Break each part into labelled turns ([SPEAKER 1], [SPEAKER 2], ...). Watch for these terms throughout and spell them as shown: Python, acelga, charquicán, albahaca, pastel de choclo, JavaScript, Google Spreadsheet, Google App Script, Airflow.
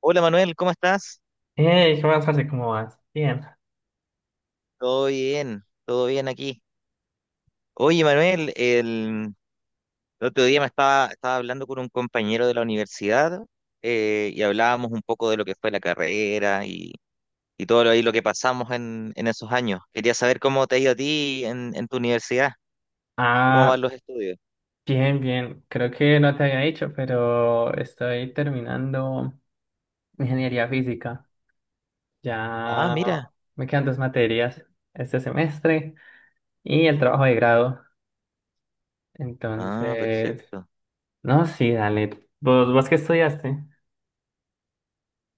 [SPEAKER 1] Hola Manuel, ¿cómo estás?
[SPEAKER 2] Hey, ¿qué más, parce? ¿Cómo vas? Bien.
[SPEAKER 1] Todo bien aquí. Oye Manuel, el otro día estaba hablando con un compañero de la universidad y hablábamos un poco de lo que fue la carrera y todo lo, ahí lo que pasamos en esos años. Quería saber cómo te ha ido a ti en tu universidad, cómo
[SPEAKER 2] Ah,
[SPEAKER 1] van los estudios.
[SPEAKER 2] bien, bien. Creo que no te había dicho, pero estoy terminando ingeniería física.
[SPEAKER 1] Ah,
[SPEAKER 2] Ya
[SPEAKER 1] mira.
[SPEAKER 2] me quedan dos materias este semestre y el trabajo de grado.
[SPEAKER 1] Ah,
[SPEAKER 2] Entonces,
[SPEAKER 1] perfecto.
[SPEAKER 2] no, sí, dale. ¿¿Vos qué estudiaste?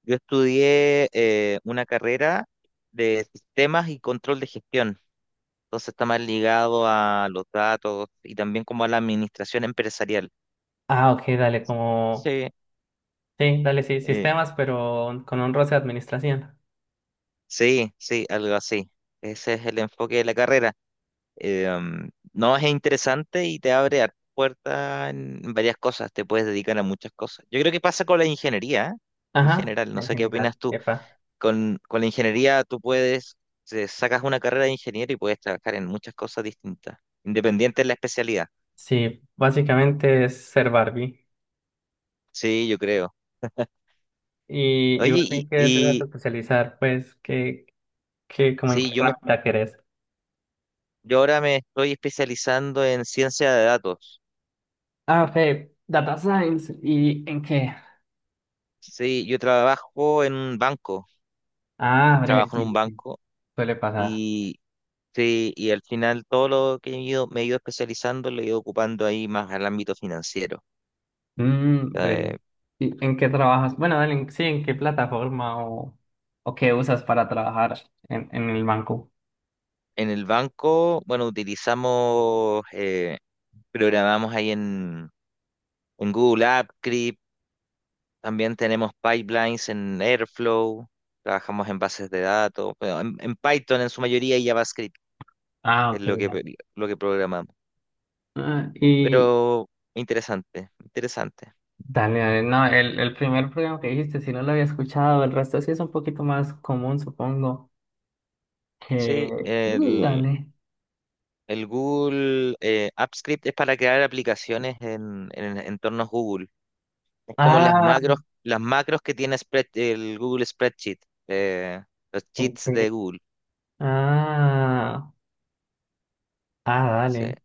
[SPEAKER 1] Yo estudié una carrera de sistemas y control de gestión. Entonces está más ligado a los datos y también como a la administración empresarial.
[SPEAKER 2] Ah, ok, dale, como...
[SPEAKER 1] Sí.
[SPEAKER 2] Sí, dale, sí,
[SPEAKER 1] Eh,
[SPEAKER 2] sistemas, pero con un roce de administración.
[SPEAKER 1] sí, sí, algo así. Ese es el enfoque de la carrera. No, es interesante y te abre hartas puertas en varias cosas. Te puedes dedicar a muchas cosas. Yo creo que pasa con la ingeniería, ¿eh? En
[SPEAKER 2] Ajá,
[SPEAKER 1] general, no
[SPEAKER 2] en
[SPEAKER 1] sé qué
[SPEAKER 2] general,
[SPEAKER 1] opinas tú.
[SPEAKER 2] epa.
[SPEAKER 1] Con la ingeniería tú puedes, sacas una carrera de ingeniero y puedes trabajar en muchas cosas distintas, independiente de la especialidad.
[SPEAKER 2] Sí, básicamente es ser Barbie.
[SPEAKER 1] Sí, yo creo.
[SPEAKER 2] ¿Y
[SPEAKER 1] Oye,
[SPEAKER 2] vos en qué te vas a
[SPEAKER 1] y
[SPEAKER 2] especializar? Pues, como en qué
[SPEAKER 1] sí, yo me.
[SPEAKER 2] herramienta querés?
[SPEAKER 1] Yo ahora me estoy especializando en ciencia de datos.
[SPEAKER 2] Ah, ok, Data Science. ¿Y en qué?
[SPEAKER 1] Sí, yo trabajo en un banco,
[SPEAKER 2] Ah, breve,
[SPEAKER 1] trabajo en un
[SPEAKER 2] sí, sí,
[SPEAKER 1] banco
[SPEAKER 2] suele pasar.
[SPEAKER 1] y sí, y al final todo lo que he ido, me he ido especializando lo he ido ocupando ahí más al ámbito financiero.
[SPEAKER 2] Mm, breve.
[SPEAKER 1] Eh,
[SPEAKER 2] ¿Y en qué trabajas? Bueno, dale, sí, ¿en qué plataforma o qué usas para trabajar en el banco?
[SPEAKER 1] en el banco, bueno, utilizamos, programamos en Google App, Script, también tenemos pipelines en Airflow, trabajamos en bases de datos, bueno, en Python en su mayoría y JavaScript
[SPEAKER 2] Ah,
[SPEAKER 1] es
[SPEAKER 2] ok. Dale.
[SPEAKER 1] lo que programamos.
[SPEAKER 2] Ah, y
[SPEAKER 1] Pero interesante, interesante.
[SPEAKER 2] dale, dale, no, el primer programa que dijiste, si no lo había escuchado, el resto sí es un poquito más común, supongo,
[SPEAKER 1] Sí,
[SPEAKER 2] que... Mm, dale.
[SPEAKER 1] el Google App Script es para crear aplicaciones en entornos Google. Es como
[SPEAKER 2] Ah.
[SPEAKER 1] las macros que tiene el Google Spreadsheet, eh, los cheats
[SPEAKER 2] Ok.
[SPEAKER 1] de Google.
[SPEAKER 2] Ah, ah,
[SPEAKER 1] Sí,
[SPEAKER 2] dale.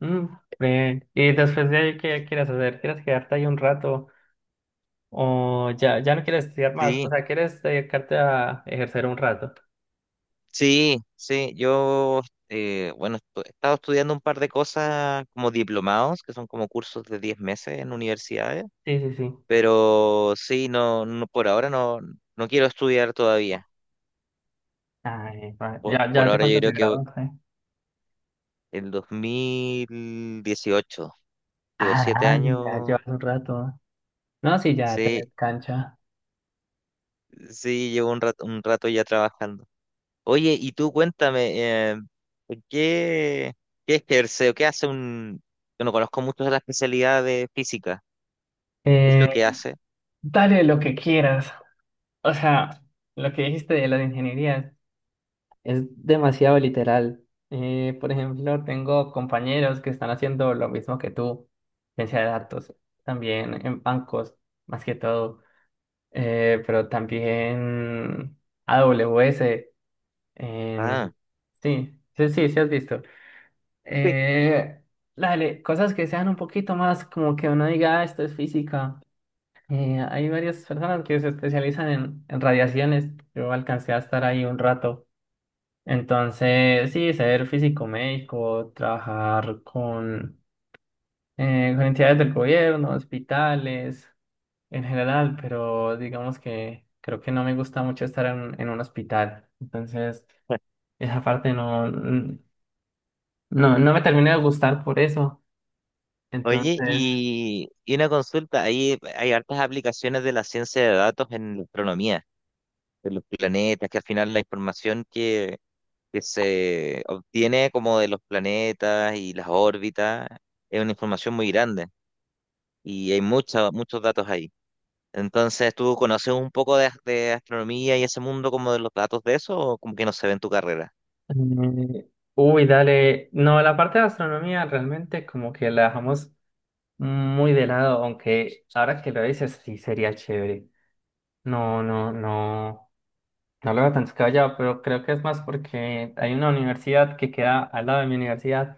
[SPEAKER 2] Mm, bien. Y después de ahí, ¿qué quieres hacer? ¿Quieres quedarte ahí un rato? ¿O ya, ya no quieres estudiar más? O
[SPEAKER 1] sí,
[SPEAKER 2] sea, ¿quieres dedicarte a ejercer un rato?
[SPEAKER 1] sí, sí. Yo, bueno, he estado estudiando un par de cosas como diplomados, que son como cursos de 10 meses en universidades,
[SPEAKER 2] Sí, sí, sí.
[SPEAKER 1] pero sí, no, no por ahora no, no quiero estudiar todavía.
[SPEAKER 2] Ay, va.
[SPEAKER 1] Por,
[SPEAKER 2] Ya, ya
[SPEAKER 1] por
[SPEAKER 2] hace
[SPEAKER 1] ahora yo
[SPEAKER 2] cuánto te
[SPEAKER 1] creo que
[SPEAKER 2] graduaste.
[SPEAKER 1] el 2018, digo,
[SPEAKER 2] Ah,
[SPEAKER 1] siete
[SPEAKER 2] dale, ya
[SPEAKER 1] años,
[SPEAKER 2] llevas un rato. No, sí, ya
[SPEAKER 1] sí,
[SPEAKER 2] tenés cancha.
[SPEAKER 1] sí, llevo un rato ya trabajando. Oye, y tú cuéntame, ¿qué, qué ejerce o qué hace un... Yo no conozco mucho de la especialidad de física, ¿qué es
[SPEAKER 2] Eh,
[SPEAKER 1] lo que hace?
[SPEAKER 2] dale lo que quieras. O sea, lo que dijiste de las ingenierías. Es demasiado literal. Por ejemplo, tengo compañeros que están haciendo lo mismo que tú, ciencia de datos, también en bancos, más que todo, pero también AWS, en...
[SPEAKER 1] Ah,
[SPEAKER 2] sí, sí, sí, sí has visto.
[SPEAKER 1] sí.
[SPEAKER 2] Eh, dale, cosas que sean un poquito más como que uno diga, "Ah, esto es física". Hay varias personas que se especializan en radiaciones. Yo alcancé a estar ahí un rato. Entonces, sí, ser físico médico, trabajar con entidades del gobierno, hospitales, en general, pero digamos que creo que no me gusta mucho estar en un hospital. Entonces, esa parte no, no me termina de gustar por eso.
[SPEAKER 1] Oye,
[SPEAKER 2] Entonces,
[SPEAKER 1] y una consulta, ahí hay hartas aplicaciones de la ciencia de datos en la astronomía, de los planetas, que al final la información que se obtiene como de los planetas y las órbitas, es una información muy grande y hay mucha, muchos datos ahí. Entonces, ¿tú conoces un poco de, de astronomía y ese mundo como de los datos de eso o como que no se ve en tu carrera?
[SPEAKER 2] eh, dale. No, la parte de astronomía realmente como que la dejamos muy de lado, aunque ahora que lo dices, sí sería chévere. No, no, no. No lo veo tan descabellado, pero creo que es más porque hay una universidad que queda al lado de mi universidad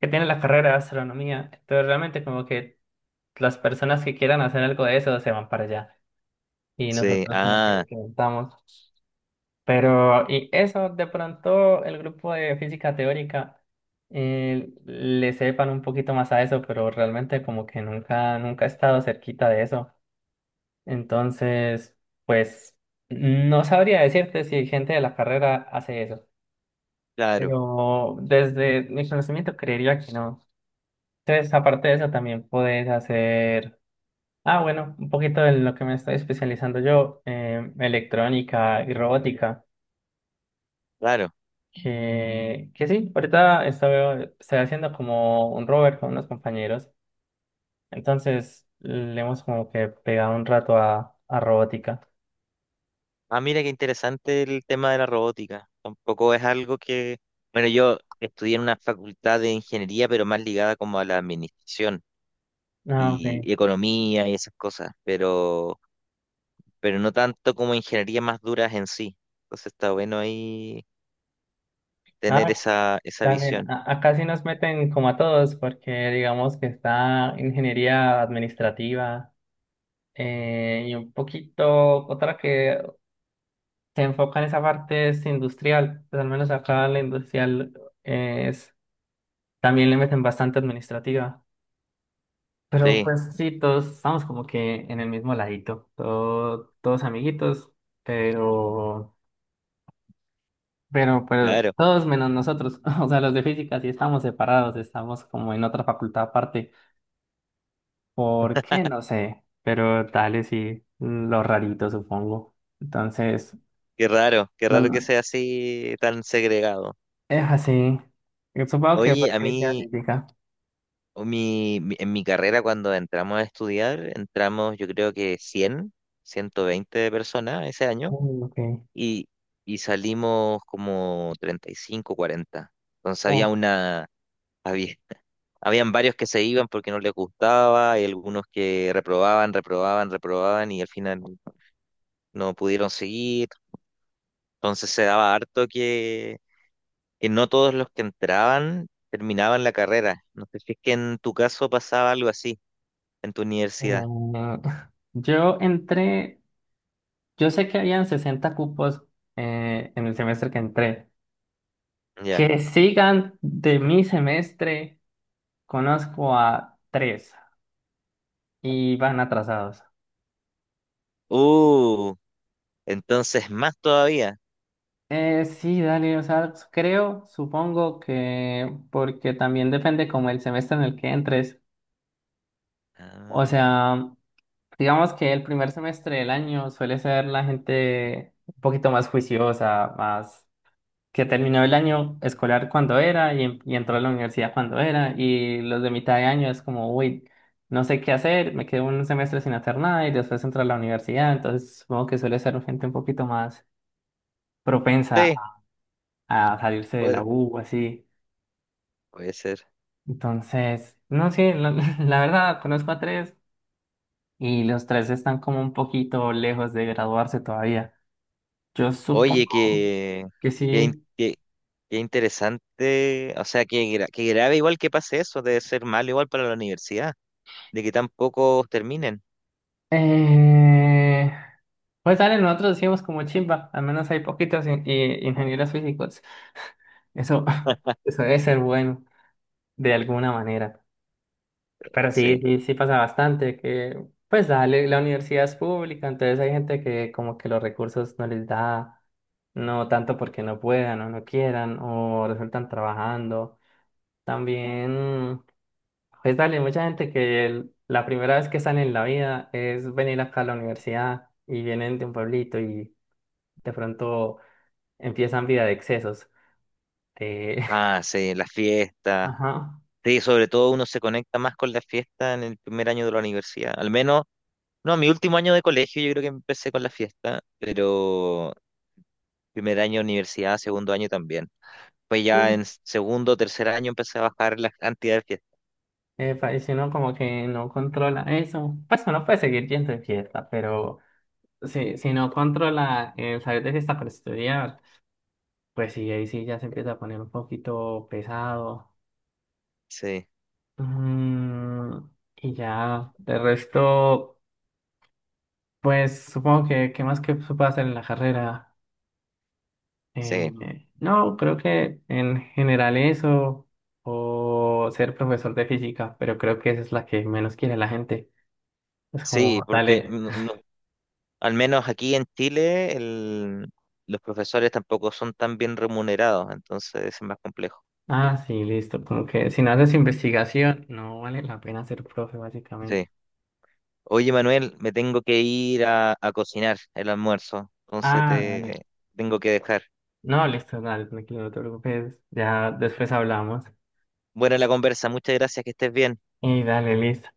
[SPEAKER 2] que tiene la carrera de astronomía. Entonces realmente como que las personas que quieran hacer algo de eso se van para allá y
[SPEAKER 1] Sí,
[SPEAKER 2] nosotros como que
[SPEAKER 1] ah,
[SPEAKER 2] lo preguntamos. Pero y eso de pronto el grupo de física teórica le sepan un poquito más a eso, pero realmente como que nunca he estado cerquita de eso. Entonces, pues no sabría decirte si gente de la carrera hace eso.
[SPEAKER 1] claro,
[SPEAKER 2] Pero desde mi conocimiento creería que no. Entonces, aparte de eso, también puedes hacer, ah, bueno, un poquito de lo que me estoy especializando yo, electrónica y robótica,
[SPEAKER 1] claro.
[SPEAKER 2] que sí, ahorita estoy haciendo como un rover con unos compañeros. Entonces, le hemos como que pegado un rato a robótica.
[SPEAKER 1] Ah, mira qué interesante el tema de la robótica. Tampoco es algo que, bueno, yo estudié en una facultad de ingeniería, pero más ligada como a la administración
[SPEAKER 2] Ah,
[SPEAKER 1] y
[SPEAKER 2] ok.
[SPEAKER 1] economía y esas cosas, pero no tanto como ingeniería más duras en sí. Entonces está bueno ahí tener
[SPEAKER 2] Ah,
[SPEAKER 1] esa, esa
[SPEAKER 2] dale,
[SPEAKER 1] visión.
[SPEAKER 2] acá sí nos meten como a todos, porque digamos que está ingeniería administrativa. Y un poquito otra que se enfoca en esa parte es industrial, pues al menos acá la industrial es también le meten bastante administrativa, pero
[SPEAKER 1] Sí,
[SPEAKER 2] pues sí, todos estamos como que en el mismo ladito, todos amiguitos, pero, pero
[SPEAKER 1] claro,
[SPEAKER 2] todos menos nosotros, o sea, los de física sí estamos separados, estamos como en otra facultad aparte, ¿por qué? No sé, pero tal y sí, lo rarito supongo, entonces...
[SPEAKER 1] qué
[SPEAKER 2] No,
[SPEAKER 1] raro que
[SPEAKER 2] no.
[SPEAKER 1] sea así tan segregado.
[SPEAKER 2] Es así. Yo supongo que
[SPEAKER 1] Oye,
[SPEAKER 2] porque
[SPEAKER 1] a
[SPEAKER 2] decía
[SPEAKER 1] mí,
[SPEAKER 2] científica.
[SPEAKER 1] o en mi carrera cuando entramos a estudiar, entramos yo creo que 100, 120 personas ese año
[SPEAKER 2] Mm, ok.
[SPEAKER 1] y, y salimos como 35, 40. Entonces
[SPEAKER 2] Oh,
[SPEAKER 1] había- Habían varios que se iban porque no les gustaba, y algunos que reprobaban, reprobaban, reprobaban y al final no pudieron seguir. Entonces se daba harto que no todos los que entraban terminaban la carrera. No sé si es que en tu caso pasaba algo así en tu universidad.
[SPEAKER 2] em, yo entré, yo sé que habían 60 cupos en el semestre que entré.
[SPEAKER 1] Ya.
[SPEAKER 2] Que sigan de mi semestre, conozco a tres y van atrasados.
[SPEAKER 1] Uh, entonces más todavía.
[SPEAKER 2] Sí, dale, o sea, creo, supongo que porque también depende como el semestre en el que entres. O
[SPEAKER 1] Ah,
[SPEAKER 2] sea, digamos que el primer semestre del año suele ser la gente un poquito más juiciosa, más que terminó el año escolar cuando era y entró a la universidad cuando era, y los de mitad de año es como, uy, no sé qué hacer, me quedo un semestre sin hacer nada y después entro a la universidad, entonces supongo que suele ser gente un poquito más propensa
[SPEAKER 1] sí,
[SPEAKER 2] a salirse de la
[SPEAKER 1] puede,
[SPEAKER 2] U, así.
[SPEAKER 1] puede ser.
[SPEAKER 2] Entonces, no sé, la, la verdad, conozco a tres y los tres están como un poquito lejos de graduarse todavía. Yo
[SPEAKER 1] Oye,
[SPEAKER 2] supongo que
[SPEAKER 1] qué, in-
[SPEAKER 2] sí.
[SPEAKER 1] qué- qué interesante, o sea, qué grave igual que pase eso, debe ser malo igual para la universidad, de que tan pocos terminen.
[SPEAKER 2] Eh, pues dale, nosotros decimos como chimba, al menos hay poquitos ingenieros físicos. Eso, eso debe ser bueno de alguna manera. Pero sí,
[SPEAKER 1] Sí.
[SPEAKER 2] sí, sí pasa bastante que, pues dale, la universidad es pública, entonces hay gente que como que los recursos no les da, no tanto porque no puedan o no quieran o resultan trabajando. También. Pues dale, mucha gente que la primera vez que salen en la vida es venir acá a la universidad y vienen de un pueblito y de pronto empiezan vida de excesos. De-
[SPEAKER 1] Ah, sí, las fiestas.
[SPEAKER 2] Ajá.
[SPEAKER 1] Sí, sobre todo uno se conecta más con las fiestas en el primer año de la universidad. Al menos, no, mi último año de colegio yo creo que empecé con la fiesta, pero primer año de universidad, segundo año también. Pues ya en
[SPEAKER 2] Mm.
[SPEAKER 1] segundo, tercer año empecé a bajar la cantidad de fiestas.
[SPEAKER 2] Epa, y si uno como que no controla eso, pues uno puede seguir yendo de fiesta, pero si no controla el salir de fiesta para estudiar, pues sí, ahí sí ya se empieza a poner un poquito pesado.
[SPEAKER 1] Sí,
[SPEAKER 2] Mm, y ya, de resto. Pues supongo que, ¿qué más que se puede hacer en la carrera?
[SPEAKER 1] sí.
[SPEAKER 2] No, creo que en general eso, o ser profesor de física, pero creo que esa es la que menos quiere la gente. Es
[SPEAKER 1] Sí,
[SPEAKER 2] como,
[SPEAKER 1] porque
[SPEAKER 2] dale,
[SPEAKER 1] no, al menos aquí en Chile, los profesores tampoco son tan bien remunerados, entonces es más complejo.
[SPEAKER 2] ah, sí, listo, como que si no haces investigación, no vale la pena ser profe, básicamente.
[SPEAKER 1] Sí. Oye, Manuel, me tengo que ir a cocinar el almuerzo, entonces
[SPEAKER 2] Ah, dale.
[SPEAKER 1] te tengo que dejar.
[SPEAKER 2] No, listo, dale, tranquilo, no te preocupes, ya después hablamos.
[SPEAKER 1] Buena la conversa, muchas gracias, que estés bien.
[SPEAKER 2] Y dale, listo.